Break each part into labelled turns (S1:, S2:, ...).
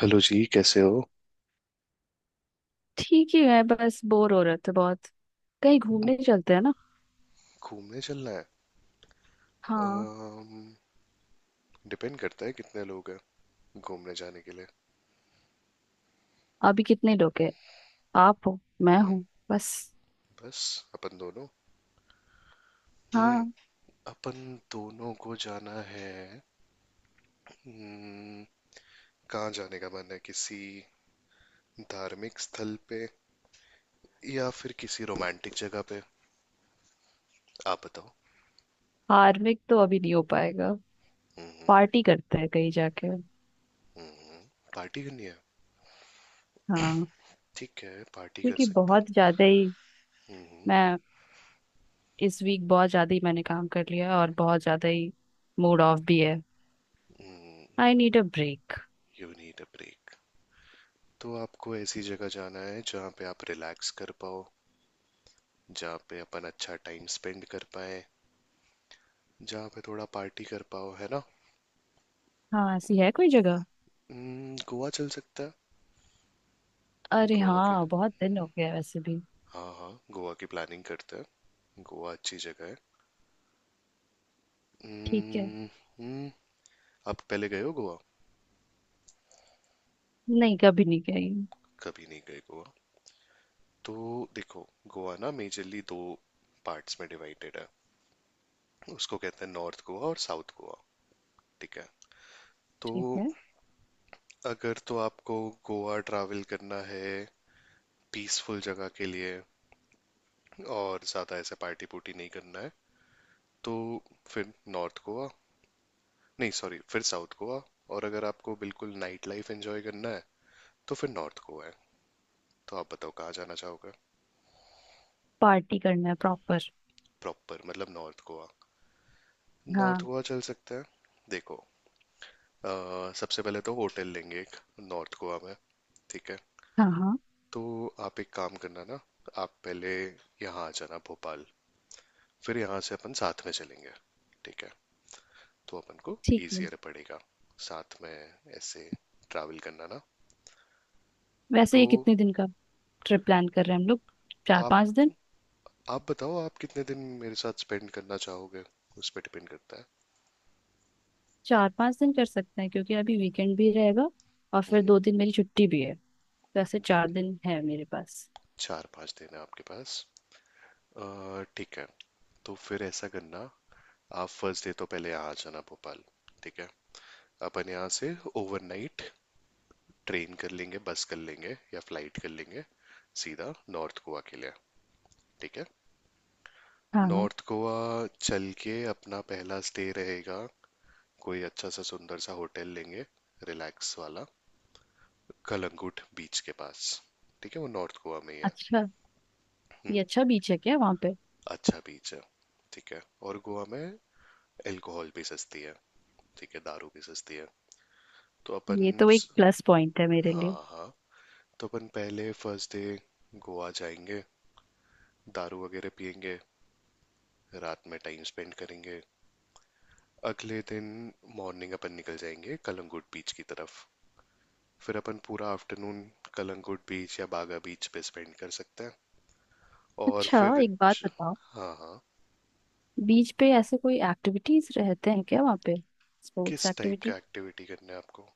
S1: Hello जी, कैसे हो?
S2: ठीक ही है। बस बोर हो रहे थे बहुत। कहीं घूमने चलते हैं ना?
S1: घूमने चलना है।
S2: हाँ।
S1: अम, डिपेंड करता है कितने लोग हैं घूमने जाने के लिए।
S2: अभी कितने लोग हैं? आप हो मैं
S1: हम्म।
S2: हूँ बस।
S1: बस अपन दोनों। हम्म।
S2: हाँ।
S1: अपन दोनों को जाना है। हम्म। कहाँ जाने का मन है, किसी धार्मिक स्थल पे या फिर किसी रोमांटिक जगह पे? आप बताओ।
S2: हार्मिक तो अभी नहीं हो पाएगा।
S1: हम्म।
S2: पार्टी करते हैं कहीं जाके।
S1: हम्म। पार्टी करनी है।
S2: हाँ।
S1: ठीक है, पार्टी कर
S2: क्योंकि
S1: सकते हैं।
S2: बहुत ज्यादा ही
S1: हम्म।
S2: मैं इस वीक बहुत ज्यादा ही मैंने काम कर लिया है और बहुत ज्यादा ही मूड ऑफ भी है।
S1: Hmm.
S2: I need a break.
S1: You need a break. तो आपको ऐसी जगह जाना है जहाँ पे आप रिलैक्स कर पाओ, जहाँ पे अपन अच्छा टाइम स्पेंड कर पाए, जहाँ पे थोड़ा पार्टी कर पाओ, है ना?
S2: हाँ, ऐसी है कोई जगह?
S1: गोवा चल सकता है।
S2: अरे
S1: गोवा के,
S2: हाँ, बहुत दिन हो गया वैसे भी।
S1: हाँ हाँ, गोवा की प्लानिंग करते हैं, गोवा अच्छी जगह है।
S2: ठीक है।
S1: हम्म। हम्म। आप पहले गए हो गोवा?
S2: नहीं कभी नहीं गई।
S1: कभी नहीं गए गोवा। तो देखो, गोवा ना मेजरली दो पार्ट्स में डिवाइडेड है। उसको कहते हैं नॉर्थ गोवा और साउथ गोवा। ठीक है। तो
S2: ठीक है।
S1: अगर तो आपको गोवा ट्रैवल करना है पीसफुल जगह के लिए और ज़्यादा ऐसे पार्टी पुर्टी नहीं करना है तो फिर नॉर्थ गोवा, नहीं सॉरी, फिर साउथ गोवा। और अगर आपको बिल्कुल नाइट लाइफ एंजॉय करना है तो फिर नॉर्थ गोवा है। तो आप बताओ कहाँ जाना चाहोगे?
S2: पार्टी करना है प्रॉपर।
S1: प्रॉपर मतलब नॉर्थ गोवा। नॉर्थ
S2: हाँ।
S1: गोवा चल सकते हैं। देखो, सबसे पहले तो होटल लेंगे एक नॉर्थ गोवा में। ठीक है।
S2: हाँ हाँ।
S1: तो आप एक काम करना ना, आप पहले यहाँ आ जाना भोपाल, फिर यहाँ से अपन साथ में चलेंगे। ठीक है। तो अपन को
S2: ठीक है।
S1: इजियर पड़ेगा साथ में ऐसे ट्रैवल करना ना।
S2: वैसे
S1: तो
S2: ये कितने दिन का ट्रिप प्लान कर रहे हैं हम लोग? चार पांच
S1: आप
S2: दिन
S1: आप बताओ आप कितने दिन मेरे साथ स्पेंड करना चाहोगे, उस पर डिपेंड करता है।
S2: 4-5 दिन कर सकते हैं, क्योंकि अभी वीकेंड भी रहेगा और
S1: हम्म।
S2: फिर 2 दिन मेरी छुट्टी भी है। तो ऐसे 4 दिन है मेरे पास।
S1: चार पांच दिन है आपके पास। ठीक है, तो फिर ऐसा करना, आप फर्स्ट डे तो पहले यहाँ आ जाना भोपाल। ठीक है। अपन यहाँ से ओवरनाइट ट्रेन कर लेंगे, बस कर लेंगे या फ्लाइट कर लेंगे, सीधा नॉर्थ गोवा के लिए। ठीक है।
S2: हाँ हाँ।
S1: नॉर्थ गोवा चल के अपना पहला स्टे रहेगा। कोई अच्छा सा सुंदर सा होटल लेंगे, रिलैक्स वाला, कलंगुट बीच के पास। ठीक है, वो नॉर्थ गोवा में ही है।
S2: अच्छा, ये
S1: हम्म।
S2: अच्छा बीच है क्या वहाँ पे?
S1: अच्छा बीच है। ठीक है। और गोवा में अल्कोहल भी सस्ती है, ठीक है, दारू भी सस्ती है। तो
S2: ये
S1: अपन,
S2: तो एक प्लस पॉइंट है मेरे लिए।
S1: हाँ हाँ, तो अपन पहले फर्स्ट डे गोवा जाएंगे, दारू वगैरह पियेंगे, रात में टाइम स्पेंड करेंगे। अगले दिन मॉर्निंग अपन निकल जाएंगे कलंगुट बीच की तरफ। फिर अपन पूरा आफ्टरनून कलंगुट बीच या बागा बीच पे स्पेंड कर सकते हैं। और
S2: अच्छा
S1: फिर
S2: एक बात
S1: श-
S2: बताओ,
S1: हाँ हाँ,
S2: बीच पे ऐसे कोई एक्टिविटीज रहते हैं क्या वहाँ पे? स्पोर्ट्स
S1: किस टाइप
S2: एक्टिविटी?
S1: का एक्टिविटी करना है आपको?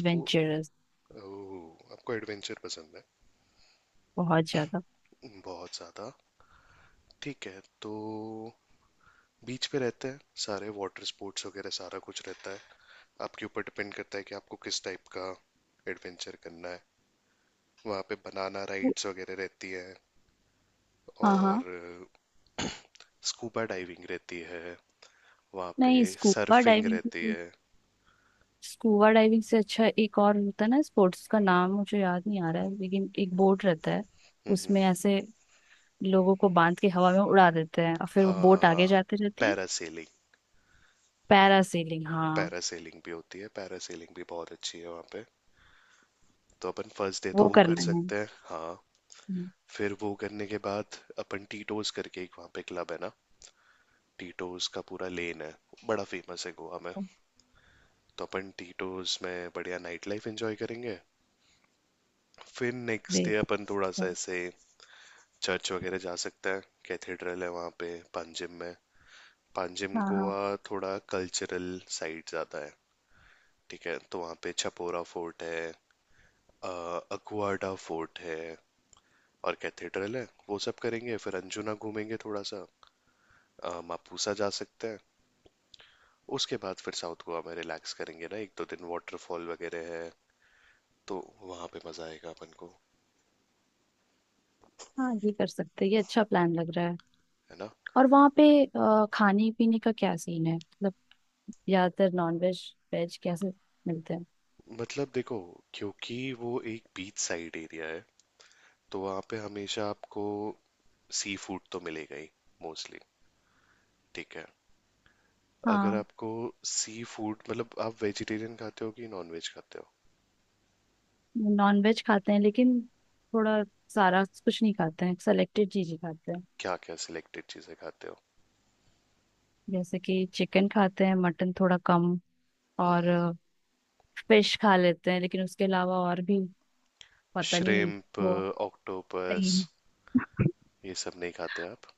S1: स्पोर्ट। ओह, आपको एडवेंचर पसंद है?
S2: बहुत ज्यादा।
S1: बहुत ज़्यादा। ठीक है, तो बीच पे रहते हैं सारे वाटर स्पोर्ट्स वगैरह, सारा कुछ रहता है। आपके ऊपर डिपेंड करता है कि आपको किस टाइप का एडवेंचर करना है। वहाँ पे बनाना
S2: वो-
S1: राइड्स वगैरह रहती हैं,
S2: हाँ
S1: और
S2: हाँ।
S1: स्कूबा डाइविंग रहती है, वहाँ पे
S2: नहीं, स्कूबा
S1: सर्फिंग
S2: डाइविंग,
S1: रहती है।
S2: स्कूबा डाइविंग से अच्छा एक और होता है ना स्पोर्ट्स का, नाम मुझे याद नहीं आ रहा है लेकिन एक बोट रहता है,
S1: हम्म। हम्म।
S2: उसमें ऐसे लोगों को बांध के हवा में उड़ा देते हैं और फिर वो बोट आगे
S1: हाँ,
S2: जाते रहती है।
S1: पैरासेलिंग।
S2: पैरासेलिंग, हाँ।
S1: पैरासेलिंग भी होती है, पैरासेलिंग भी बहुत अच्छी है वहाँ पे। तो अपन फर्स्ट डे तो
S2: वो
S1: वो कर
S2: करना है।
S1: सकते हैं, हाँ। फिर वो करने के बाद अपन टीटोज करके एक वहाँ पे क्लब है ना, टीटोज का पूरा लेन है, बड़ा फेमस है गोवा में। तो अपन टीटोज में बढ़िया नाइट लाइफ एंजॉय करेंगे। फिर नेक्स्ट डे
S2: ग्रेट।
S1: अपन थोड़ा सा
S2: हाँ।
S1: ऐसे चर्च वगैरह जा सकते हैं। कैथेड्रल है वहाँ पे पांजिम में, पांजिम
S2: हाँ हाँ।
S1: गोवा। थोड़ा कल्चरल साइड ज़्यादा है। ठीक है, तो वहाँ पे छपोरा फोर्ट है, अक्वाडा फोर्ट है, और कैथेड्रल है, वो सब करेंगे, फिर अंजुना घूमेंगे थोड़ा सा, मापुसा जा सकते हैं। उसके बाद फिर साउथ गोवा में रिलैक्स करेंगे ना, एक दो दिन, वाटरफॉल वगैरह है, तो वहां पे मजा आएगा अपन को।
S2: हाँ, ये कर सकते हैं, ये अच्छा प्लान लग रहा है।
S1: है ना?
S2: और वहाँ पे खाने पीने का क्या सीन है मतलब? ज्यादातर नॉन वेज, वेज कैसे मिलते हैं?
S1: मतलब देखो, क्योंकि वो एक बीच साइड एरिया है, तो वहां पे हमेशा आपको सी फूड तो मिलेगा ही, मोस्टली। ठीक है। अगर
S2: हाँ।
S1: आपको सी फूड, मतलब आप वेजिटेरियन खाते हो कि नॉन वेज खाते हो?
S2: नॉन वेज खाते हैं लेकिन थोड़ा, सारा कुछ नहीं खाते हैं, सेलेक्टेड चीजें खाते हैं।
S1: क्या क्या सिलेक्टेड चीजें खाते हो?
S2: जैसे कि चिकन खाते हैं, मटन थोड़ा कम, और फिश खा लेते हैं लेकिन उसके अलावा और भी पता नहीं।
S1: श्रिम्प,
S2: वो नहीं,
S1: ऑक्टोपस, ये सब नहीं खाते आप?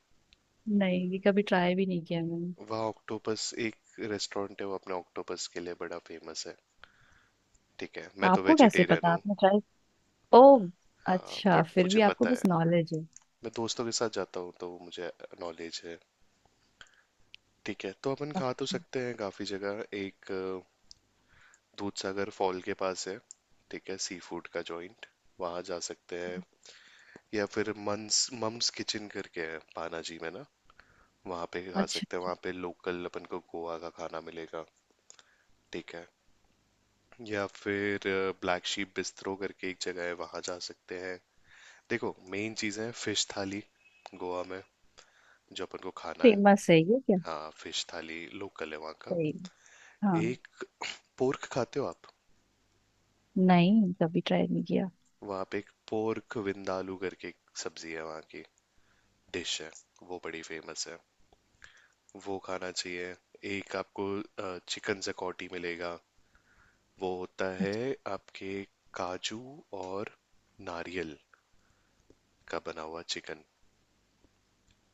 S2: नहीं ये कभी ट्राई भी नहीं किया मैंने।
S1: वहाँ ऑक्टोपस एक रेस्टोरेंट है, वो अपने ऑक्टोपस के लिए बड़ा फेमस है। ठीक है, मैं तो
S2: आपको कैसे
S1: वेजिटेरियन
S2: पता,
S1: हूँ।
S2: आपने ट्राई? ओ।
S1: हाँ,
S2: अच्छा,
S1: बट
S2: फिर
S1: मुझे
S2: भी आपको
S1: पता
S2: बस
S1: है।
S2: नॉलेज है।
S1: मैं दोस्तों के साथ जाता हूँ तो मुझे नॉलेज है। ठीक है, तो अपन खा तो
S2: अच्छा।
S1: सकते हैं काफ़ी जगह। एक दूध सागर फॉल के पास है, ठीक है, सी फूड का जॉइंट, वहाँ जा सकते हैं। या फिर मंस मम्स किचन करके है पानाजी में ना, वहाँ पे खा
S2: अच्छा,
S1: सकते हैं, वहाँ पे लोकल अपन को गोवा का खाना मिलेगा। ठीक है। या फिर ब्लैक शीप बिस्ट्रो करके एक जगह है, वहां जा सकते हैं। देखो, मेन चीज है फिश थाली गोवा में, जो अपन को खाना है।
S2: फेमस है ये क्या?
S1: हाँ, फिश थाली लोकल है वहाँ का।
S2: सही है। हाँ।
S1: एक, पोर्क खाते हो आप?
S2: नहीं, कभी ट्राई नहीं किया।
S1: वहाँ पे एक पोर्क विंदालू करके एक सब्जी है वहाँ की, डिश है, वो बड़ी फेमस है, वो खाना चाहिए। एक आपको चिकन जकौटी मिलेगा, वो होता
S2: अच्छा।
S1: है आपके काजू और नारियल का बना हुआ चिकन।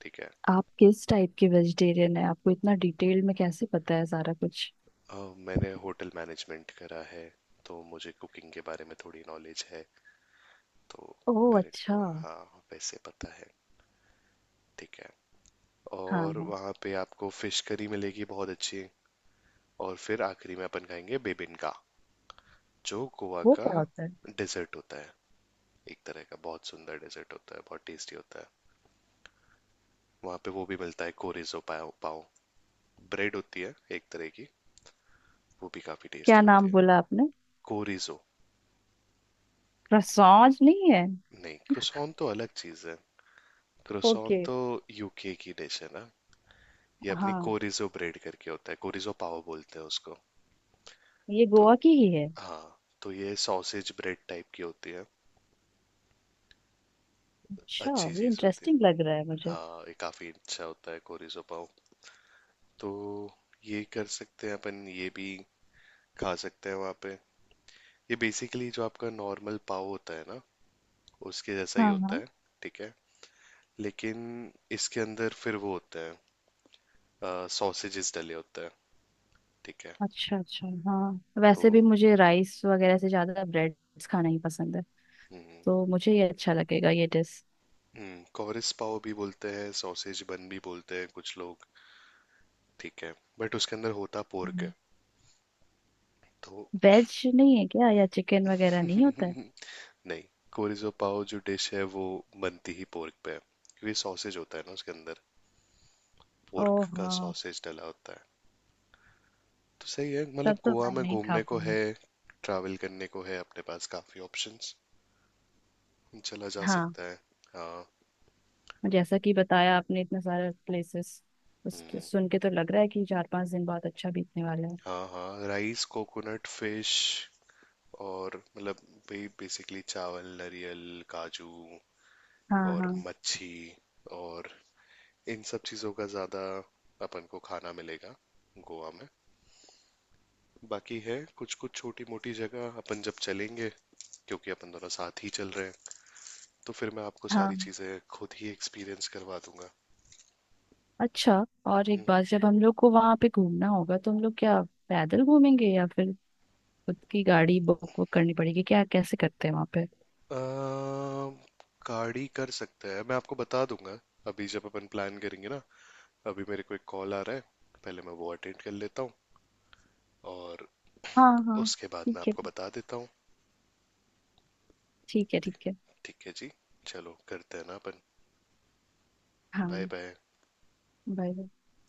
S1: ठीक है।
S2: आप किस टाइप के वेजिटेरियन है, आपको इतना डिटेल में कैसे पता है सारा कुछ?
S1: अ, मैंने होटल मैनेजमेंट करा है, तो मुझे कुकिंग के बारे में थोड़ी नॉलेज है। तो
S2: ओह
S1: मेरे
S2: अच्छा।
S1: को, हाँ, वैसे पता है। ठीक है।
S2: हाँ
S1: और
S2: हाँ।
S1: वहाँ पे आपको फिश करी मिलेगी बहुत अच्छी। और फिर आखिरी में अपन खाएंगे बेबिनका, जो गोवा
S2: वो
S1: का
S2: क्या होता है?
S1: डेजर्ट होता है, एक तरह का बहुत सुंदर डेजर्ट होता है, बहुत टेस्टी होता है। वहाँ पे वो भी मिलता है, कोरिजो पाव। पाव ब्रेड होती है एक तरह की, वो भी काफी
S2: क्या
S1: टेस्टी होती
S2: नाम
S1: है।
S2: बोला आपने?
S1: कोरिजो।
S2: करसौंज नहीं है?
S1: नहीं, क्रोसॉन तो अलग चीज है, क्रोसॉन
S2: ओके।
S1: तो यूके की डिश है ना, ये अपनी
S2: हाँ।
S1: कोरिजो ब्रेड करके होता है, कोरिजो पाव बोलते हैं उसको।
S2: ये
S1: तो
S2: गोवा की ही है?
S1: हाँ, तो ये सॉसेज ब्रेड टाइप की होती है,
S2: अच्छा।
S1: अच्छी
S2: ये
S1: चीज होती है।
S2: इंटरेस्टिंग लग रहा है मुझे।
S1: हाँ, ये काफी अच्छा होता है कोरिजो पाव। तो ये कर सकते हैं अपन, ये भी खा सकते हैं वहाँ पे। ये बेसिकली जो आपका नॉर्मल पाव होता है ना, उसके जैसा ही
S2: हाँ
S1: होता
S2: हाँ।
S1: है। ठीक है। लेकिन इसके अंदर फिर वो होता है, सॉसेजेस डले होते हैं। ठीक है।
S2: अच्छा अच्छा, हाँ
S1: तो
S2: वैसे भी मुझे राइस वगैरह से ज्यादा ब्रेड्स खाना ही पसंद है।
S1: हम्म।
S2: तो मुझे ये अच्छा लगेगा ये डिश।
S1: कॉरिस पाव भी बोलते हैं, सॉसेज बन भी बोलते हैं कुछ लोग। ठीक है, बट उसके अंदर होता पोर्क है।
S2: हम्म,
S1: तो
S2: वेज नहीं है क्या, या चिकन वगैरह नहीं होता है?
S1: नहीं, कोरिजो पाव जो डिश है वो बनती ही पोर्क पे है, क्योंकि सॉसेज होता है ना उसके अंदर,
S2: ओ
S1: पोर्क का
S2: हाँ।
S1: सॉसेज डला होता है। तो सही है,
S2: तब
S1: मतलब
S2: तो
S1: गोवा
S2: मैं
S1: में
S2: नहीं खा
S1: घूमने को है,
S2: पाऊँ।
S1: ट्रैवल करने को है, अपने पास काफ़ी ऑप्शंस, चला जा
S2: हाँ।
S1: सकता है। हाँ।
S2: जैसा कि बताया आपने इतने सारे प्लेसेस, उस
S1: हम्म।
S2: सुन के तो लग रहा है कि 4-5 दिन बहुत अच्छा बीतने वाला है।
S1: हाँ हाँ, राइस कोकोनट फिश, और मतलब वही बेसिकली चावल नरियल काजू
S2: हाँ
S1: और
S2: हाँ।
S1: मच्छी, और इन सब चीज़ों का ज़्यादा अपन को खाना मिलेगा गोवा में। बाकी है कुछ कुछ छोटी मोटी जगह, अपन जब चलेंगे, क्योंकि अपन दोनों साथ ही चल रहे हैं, तो फिर मैं आपको सारी
S2: हाँ।
S1: चीज़ें खुद ही एक्सपीरियंस करवा दूंगा।
S2: अच्छा। और एक
S1: हम्म।
S2: बात, जब हम लोग को वहां पे घूमना होगा तो हम लोग क्या पैदल घूमेंगे या फिर खुद की गाड़ी बुक वुक करनी पड़ेगी क्या, कैसे करते हैं वहां पे?
S1: अ, गाड़ी कर सकते हैं, मैं आपको बता दूंगा, अभी जब अपन प्लान करेंगे ना। अभी मेरे को एक कॉल आ रहा है, पहले मैं वो अटेंड कर लेता हूँ, और
S2: हाँ हाँ।
S1: उसके बाद मैं
S2: ठीक है,
S1: आपको बता देता हूँ।
S2: ठीक है ठीक है।
S1: ठीक है जी, चलो करते हैं ना अपन। बाय
S2: हाँ।
S1: बाय।
S2: बाय।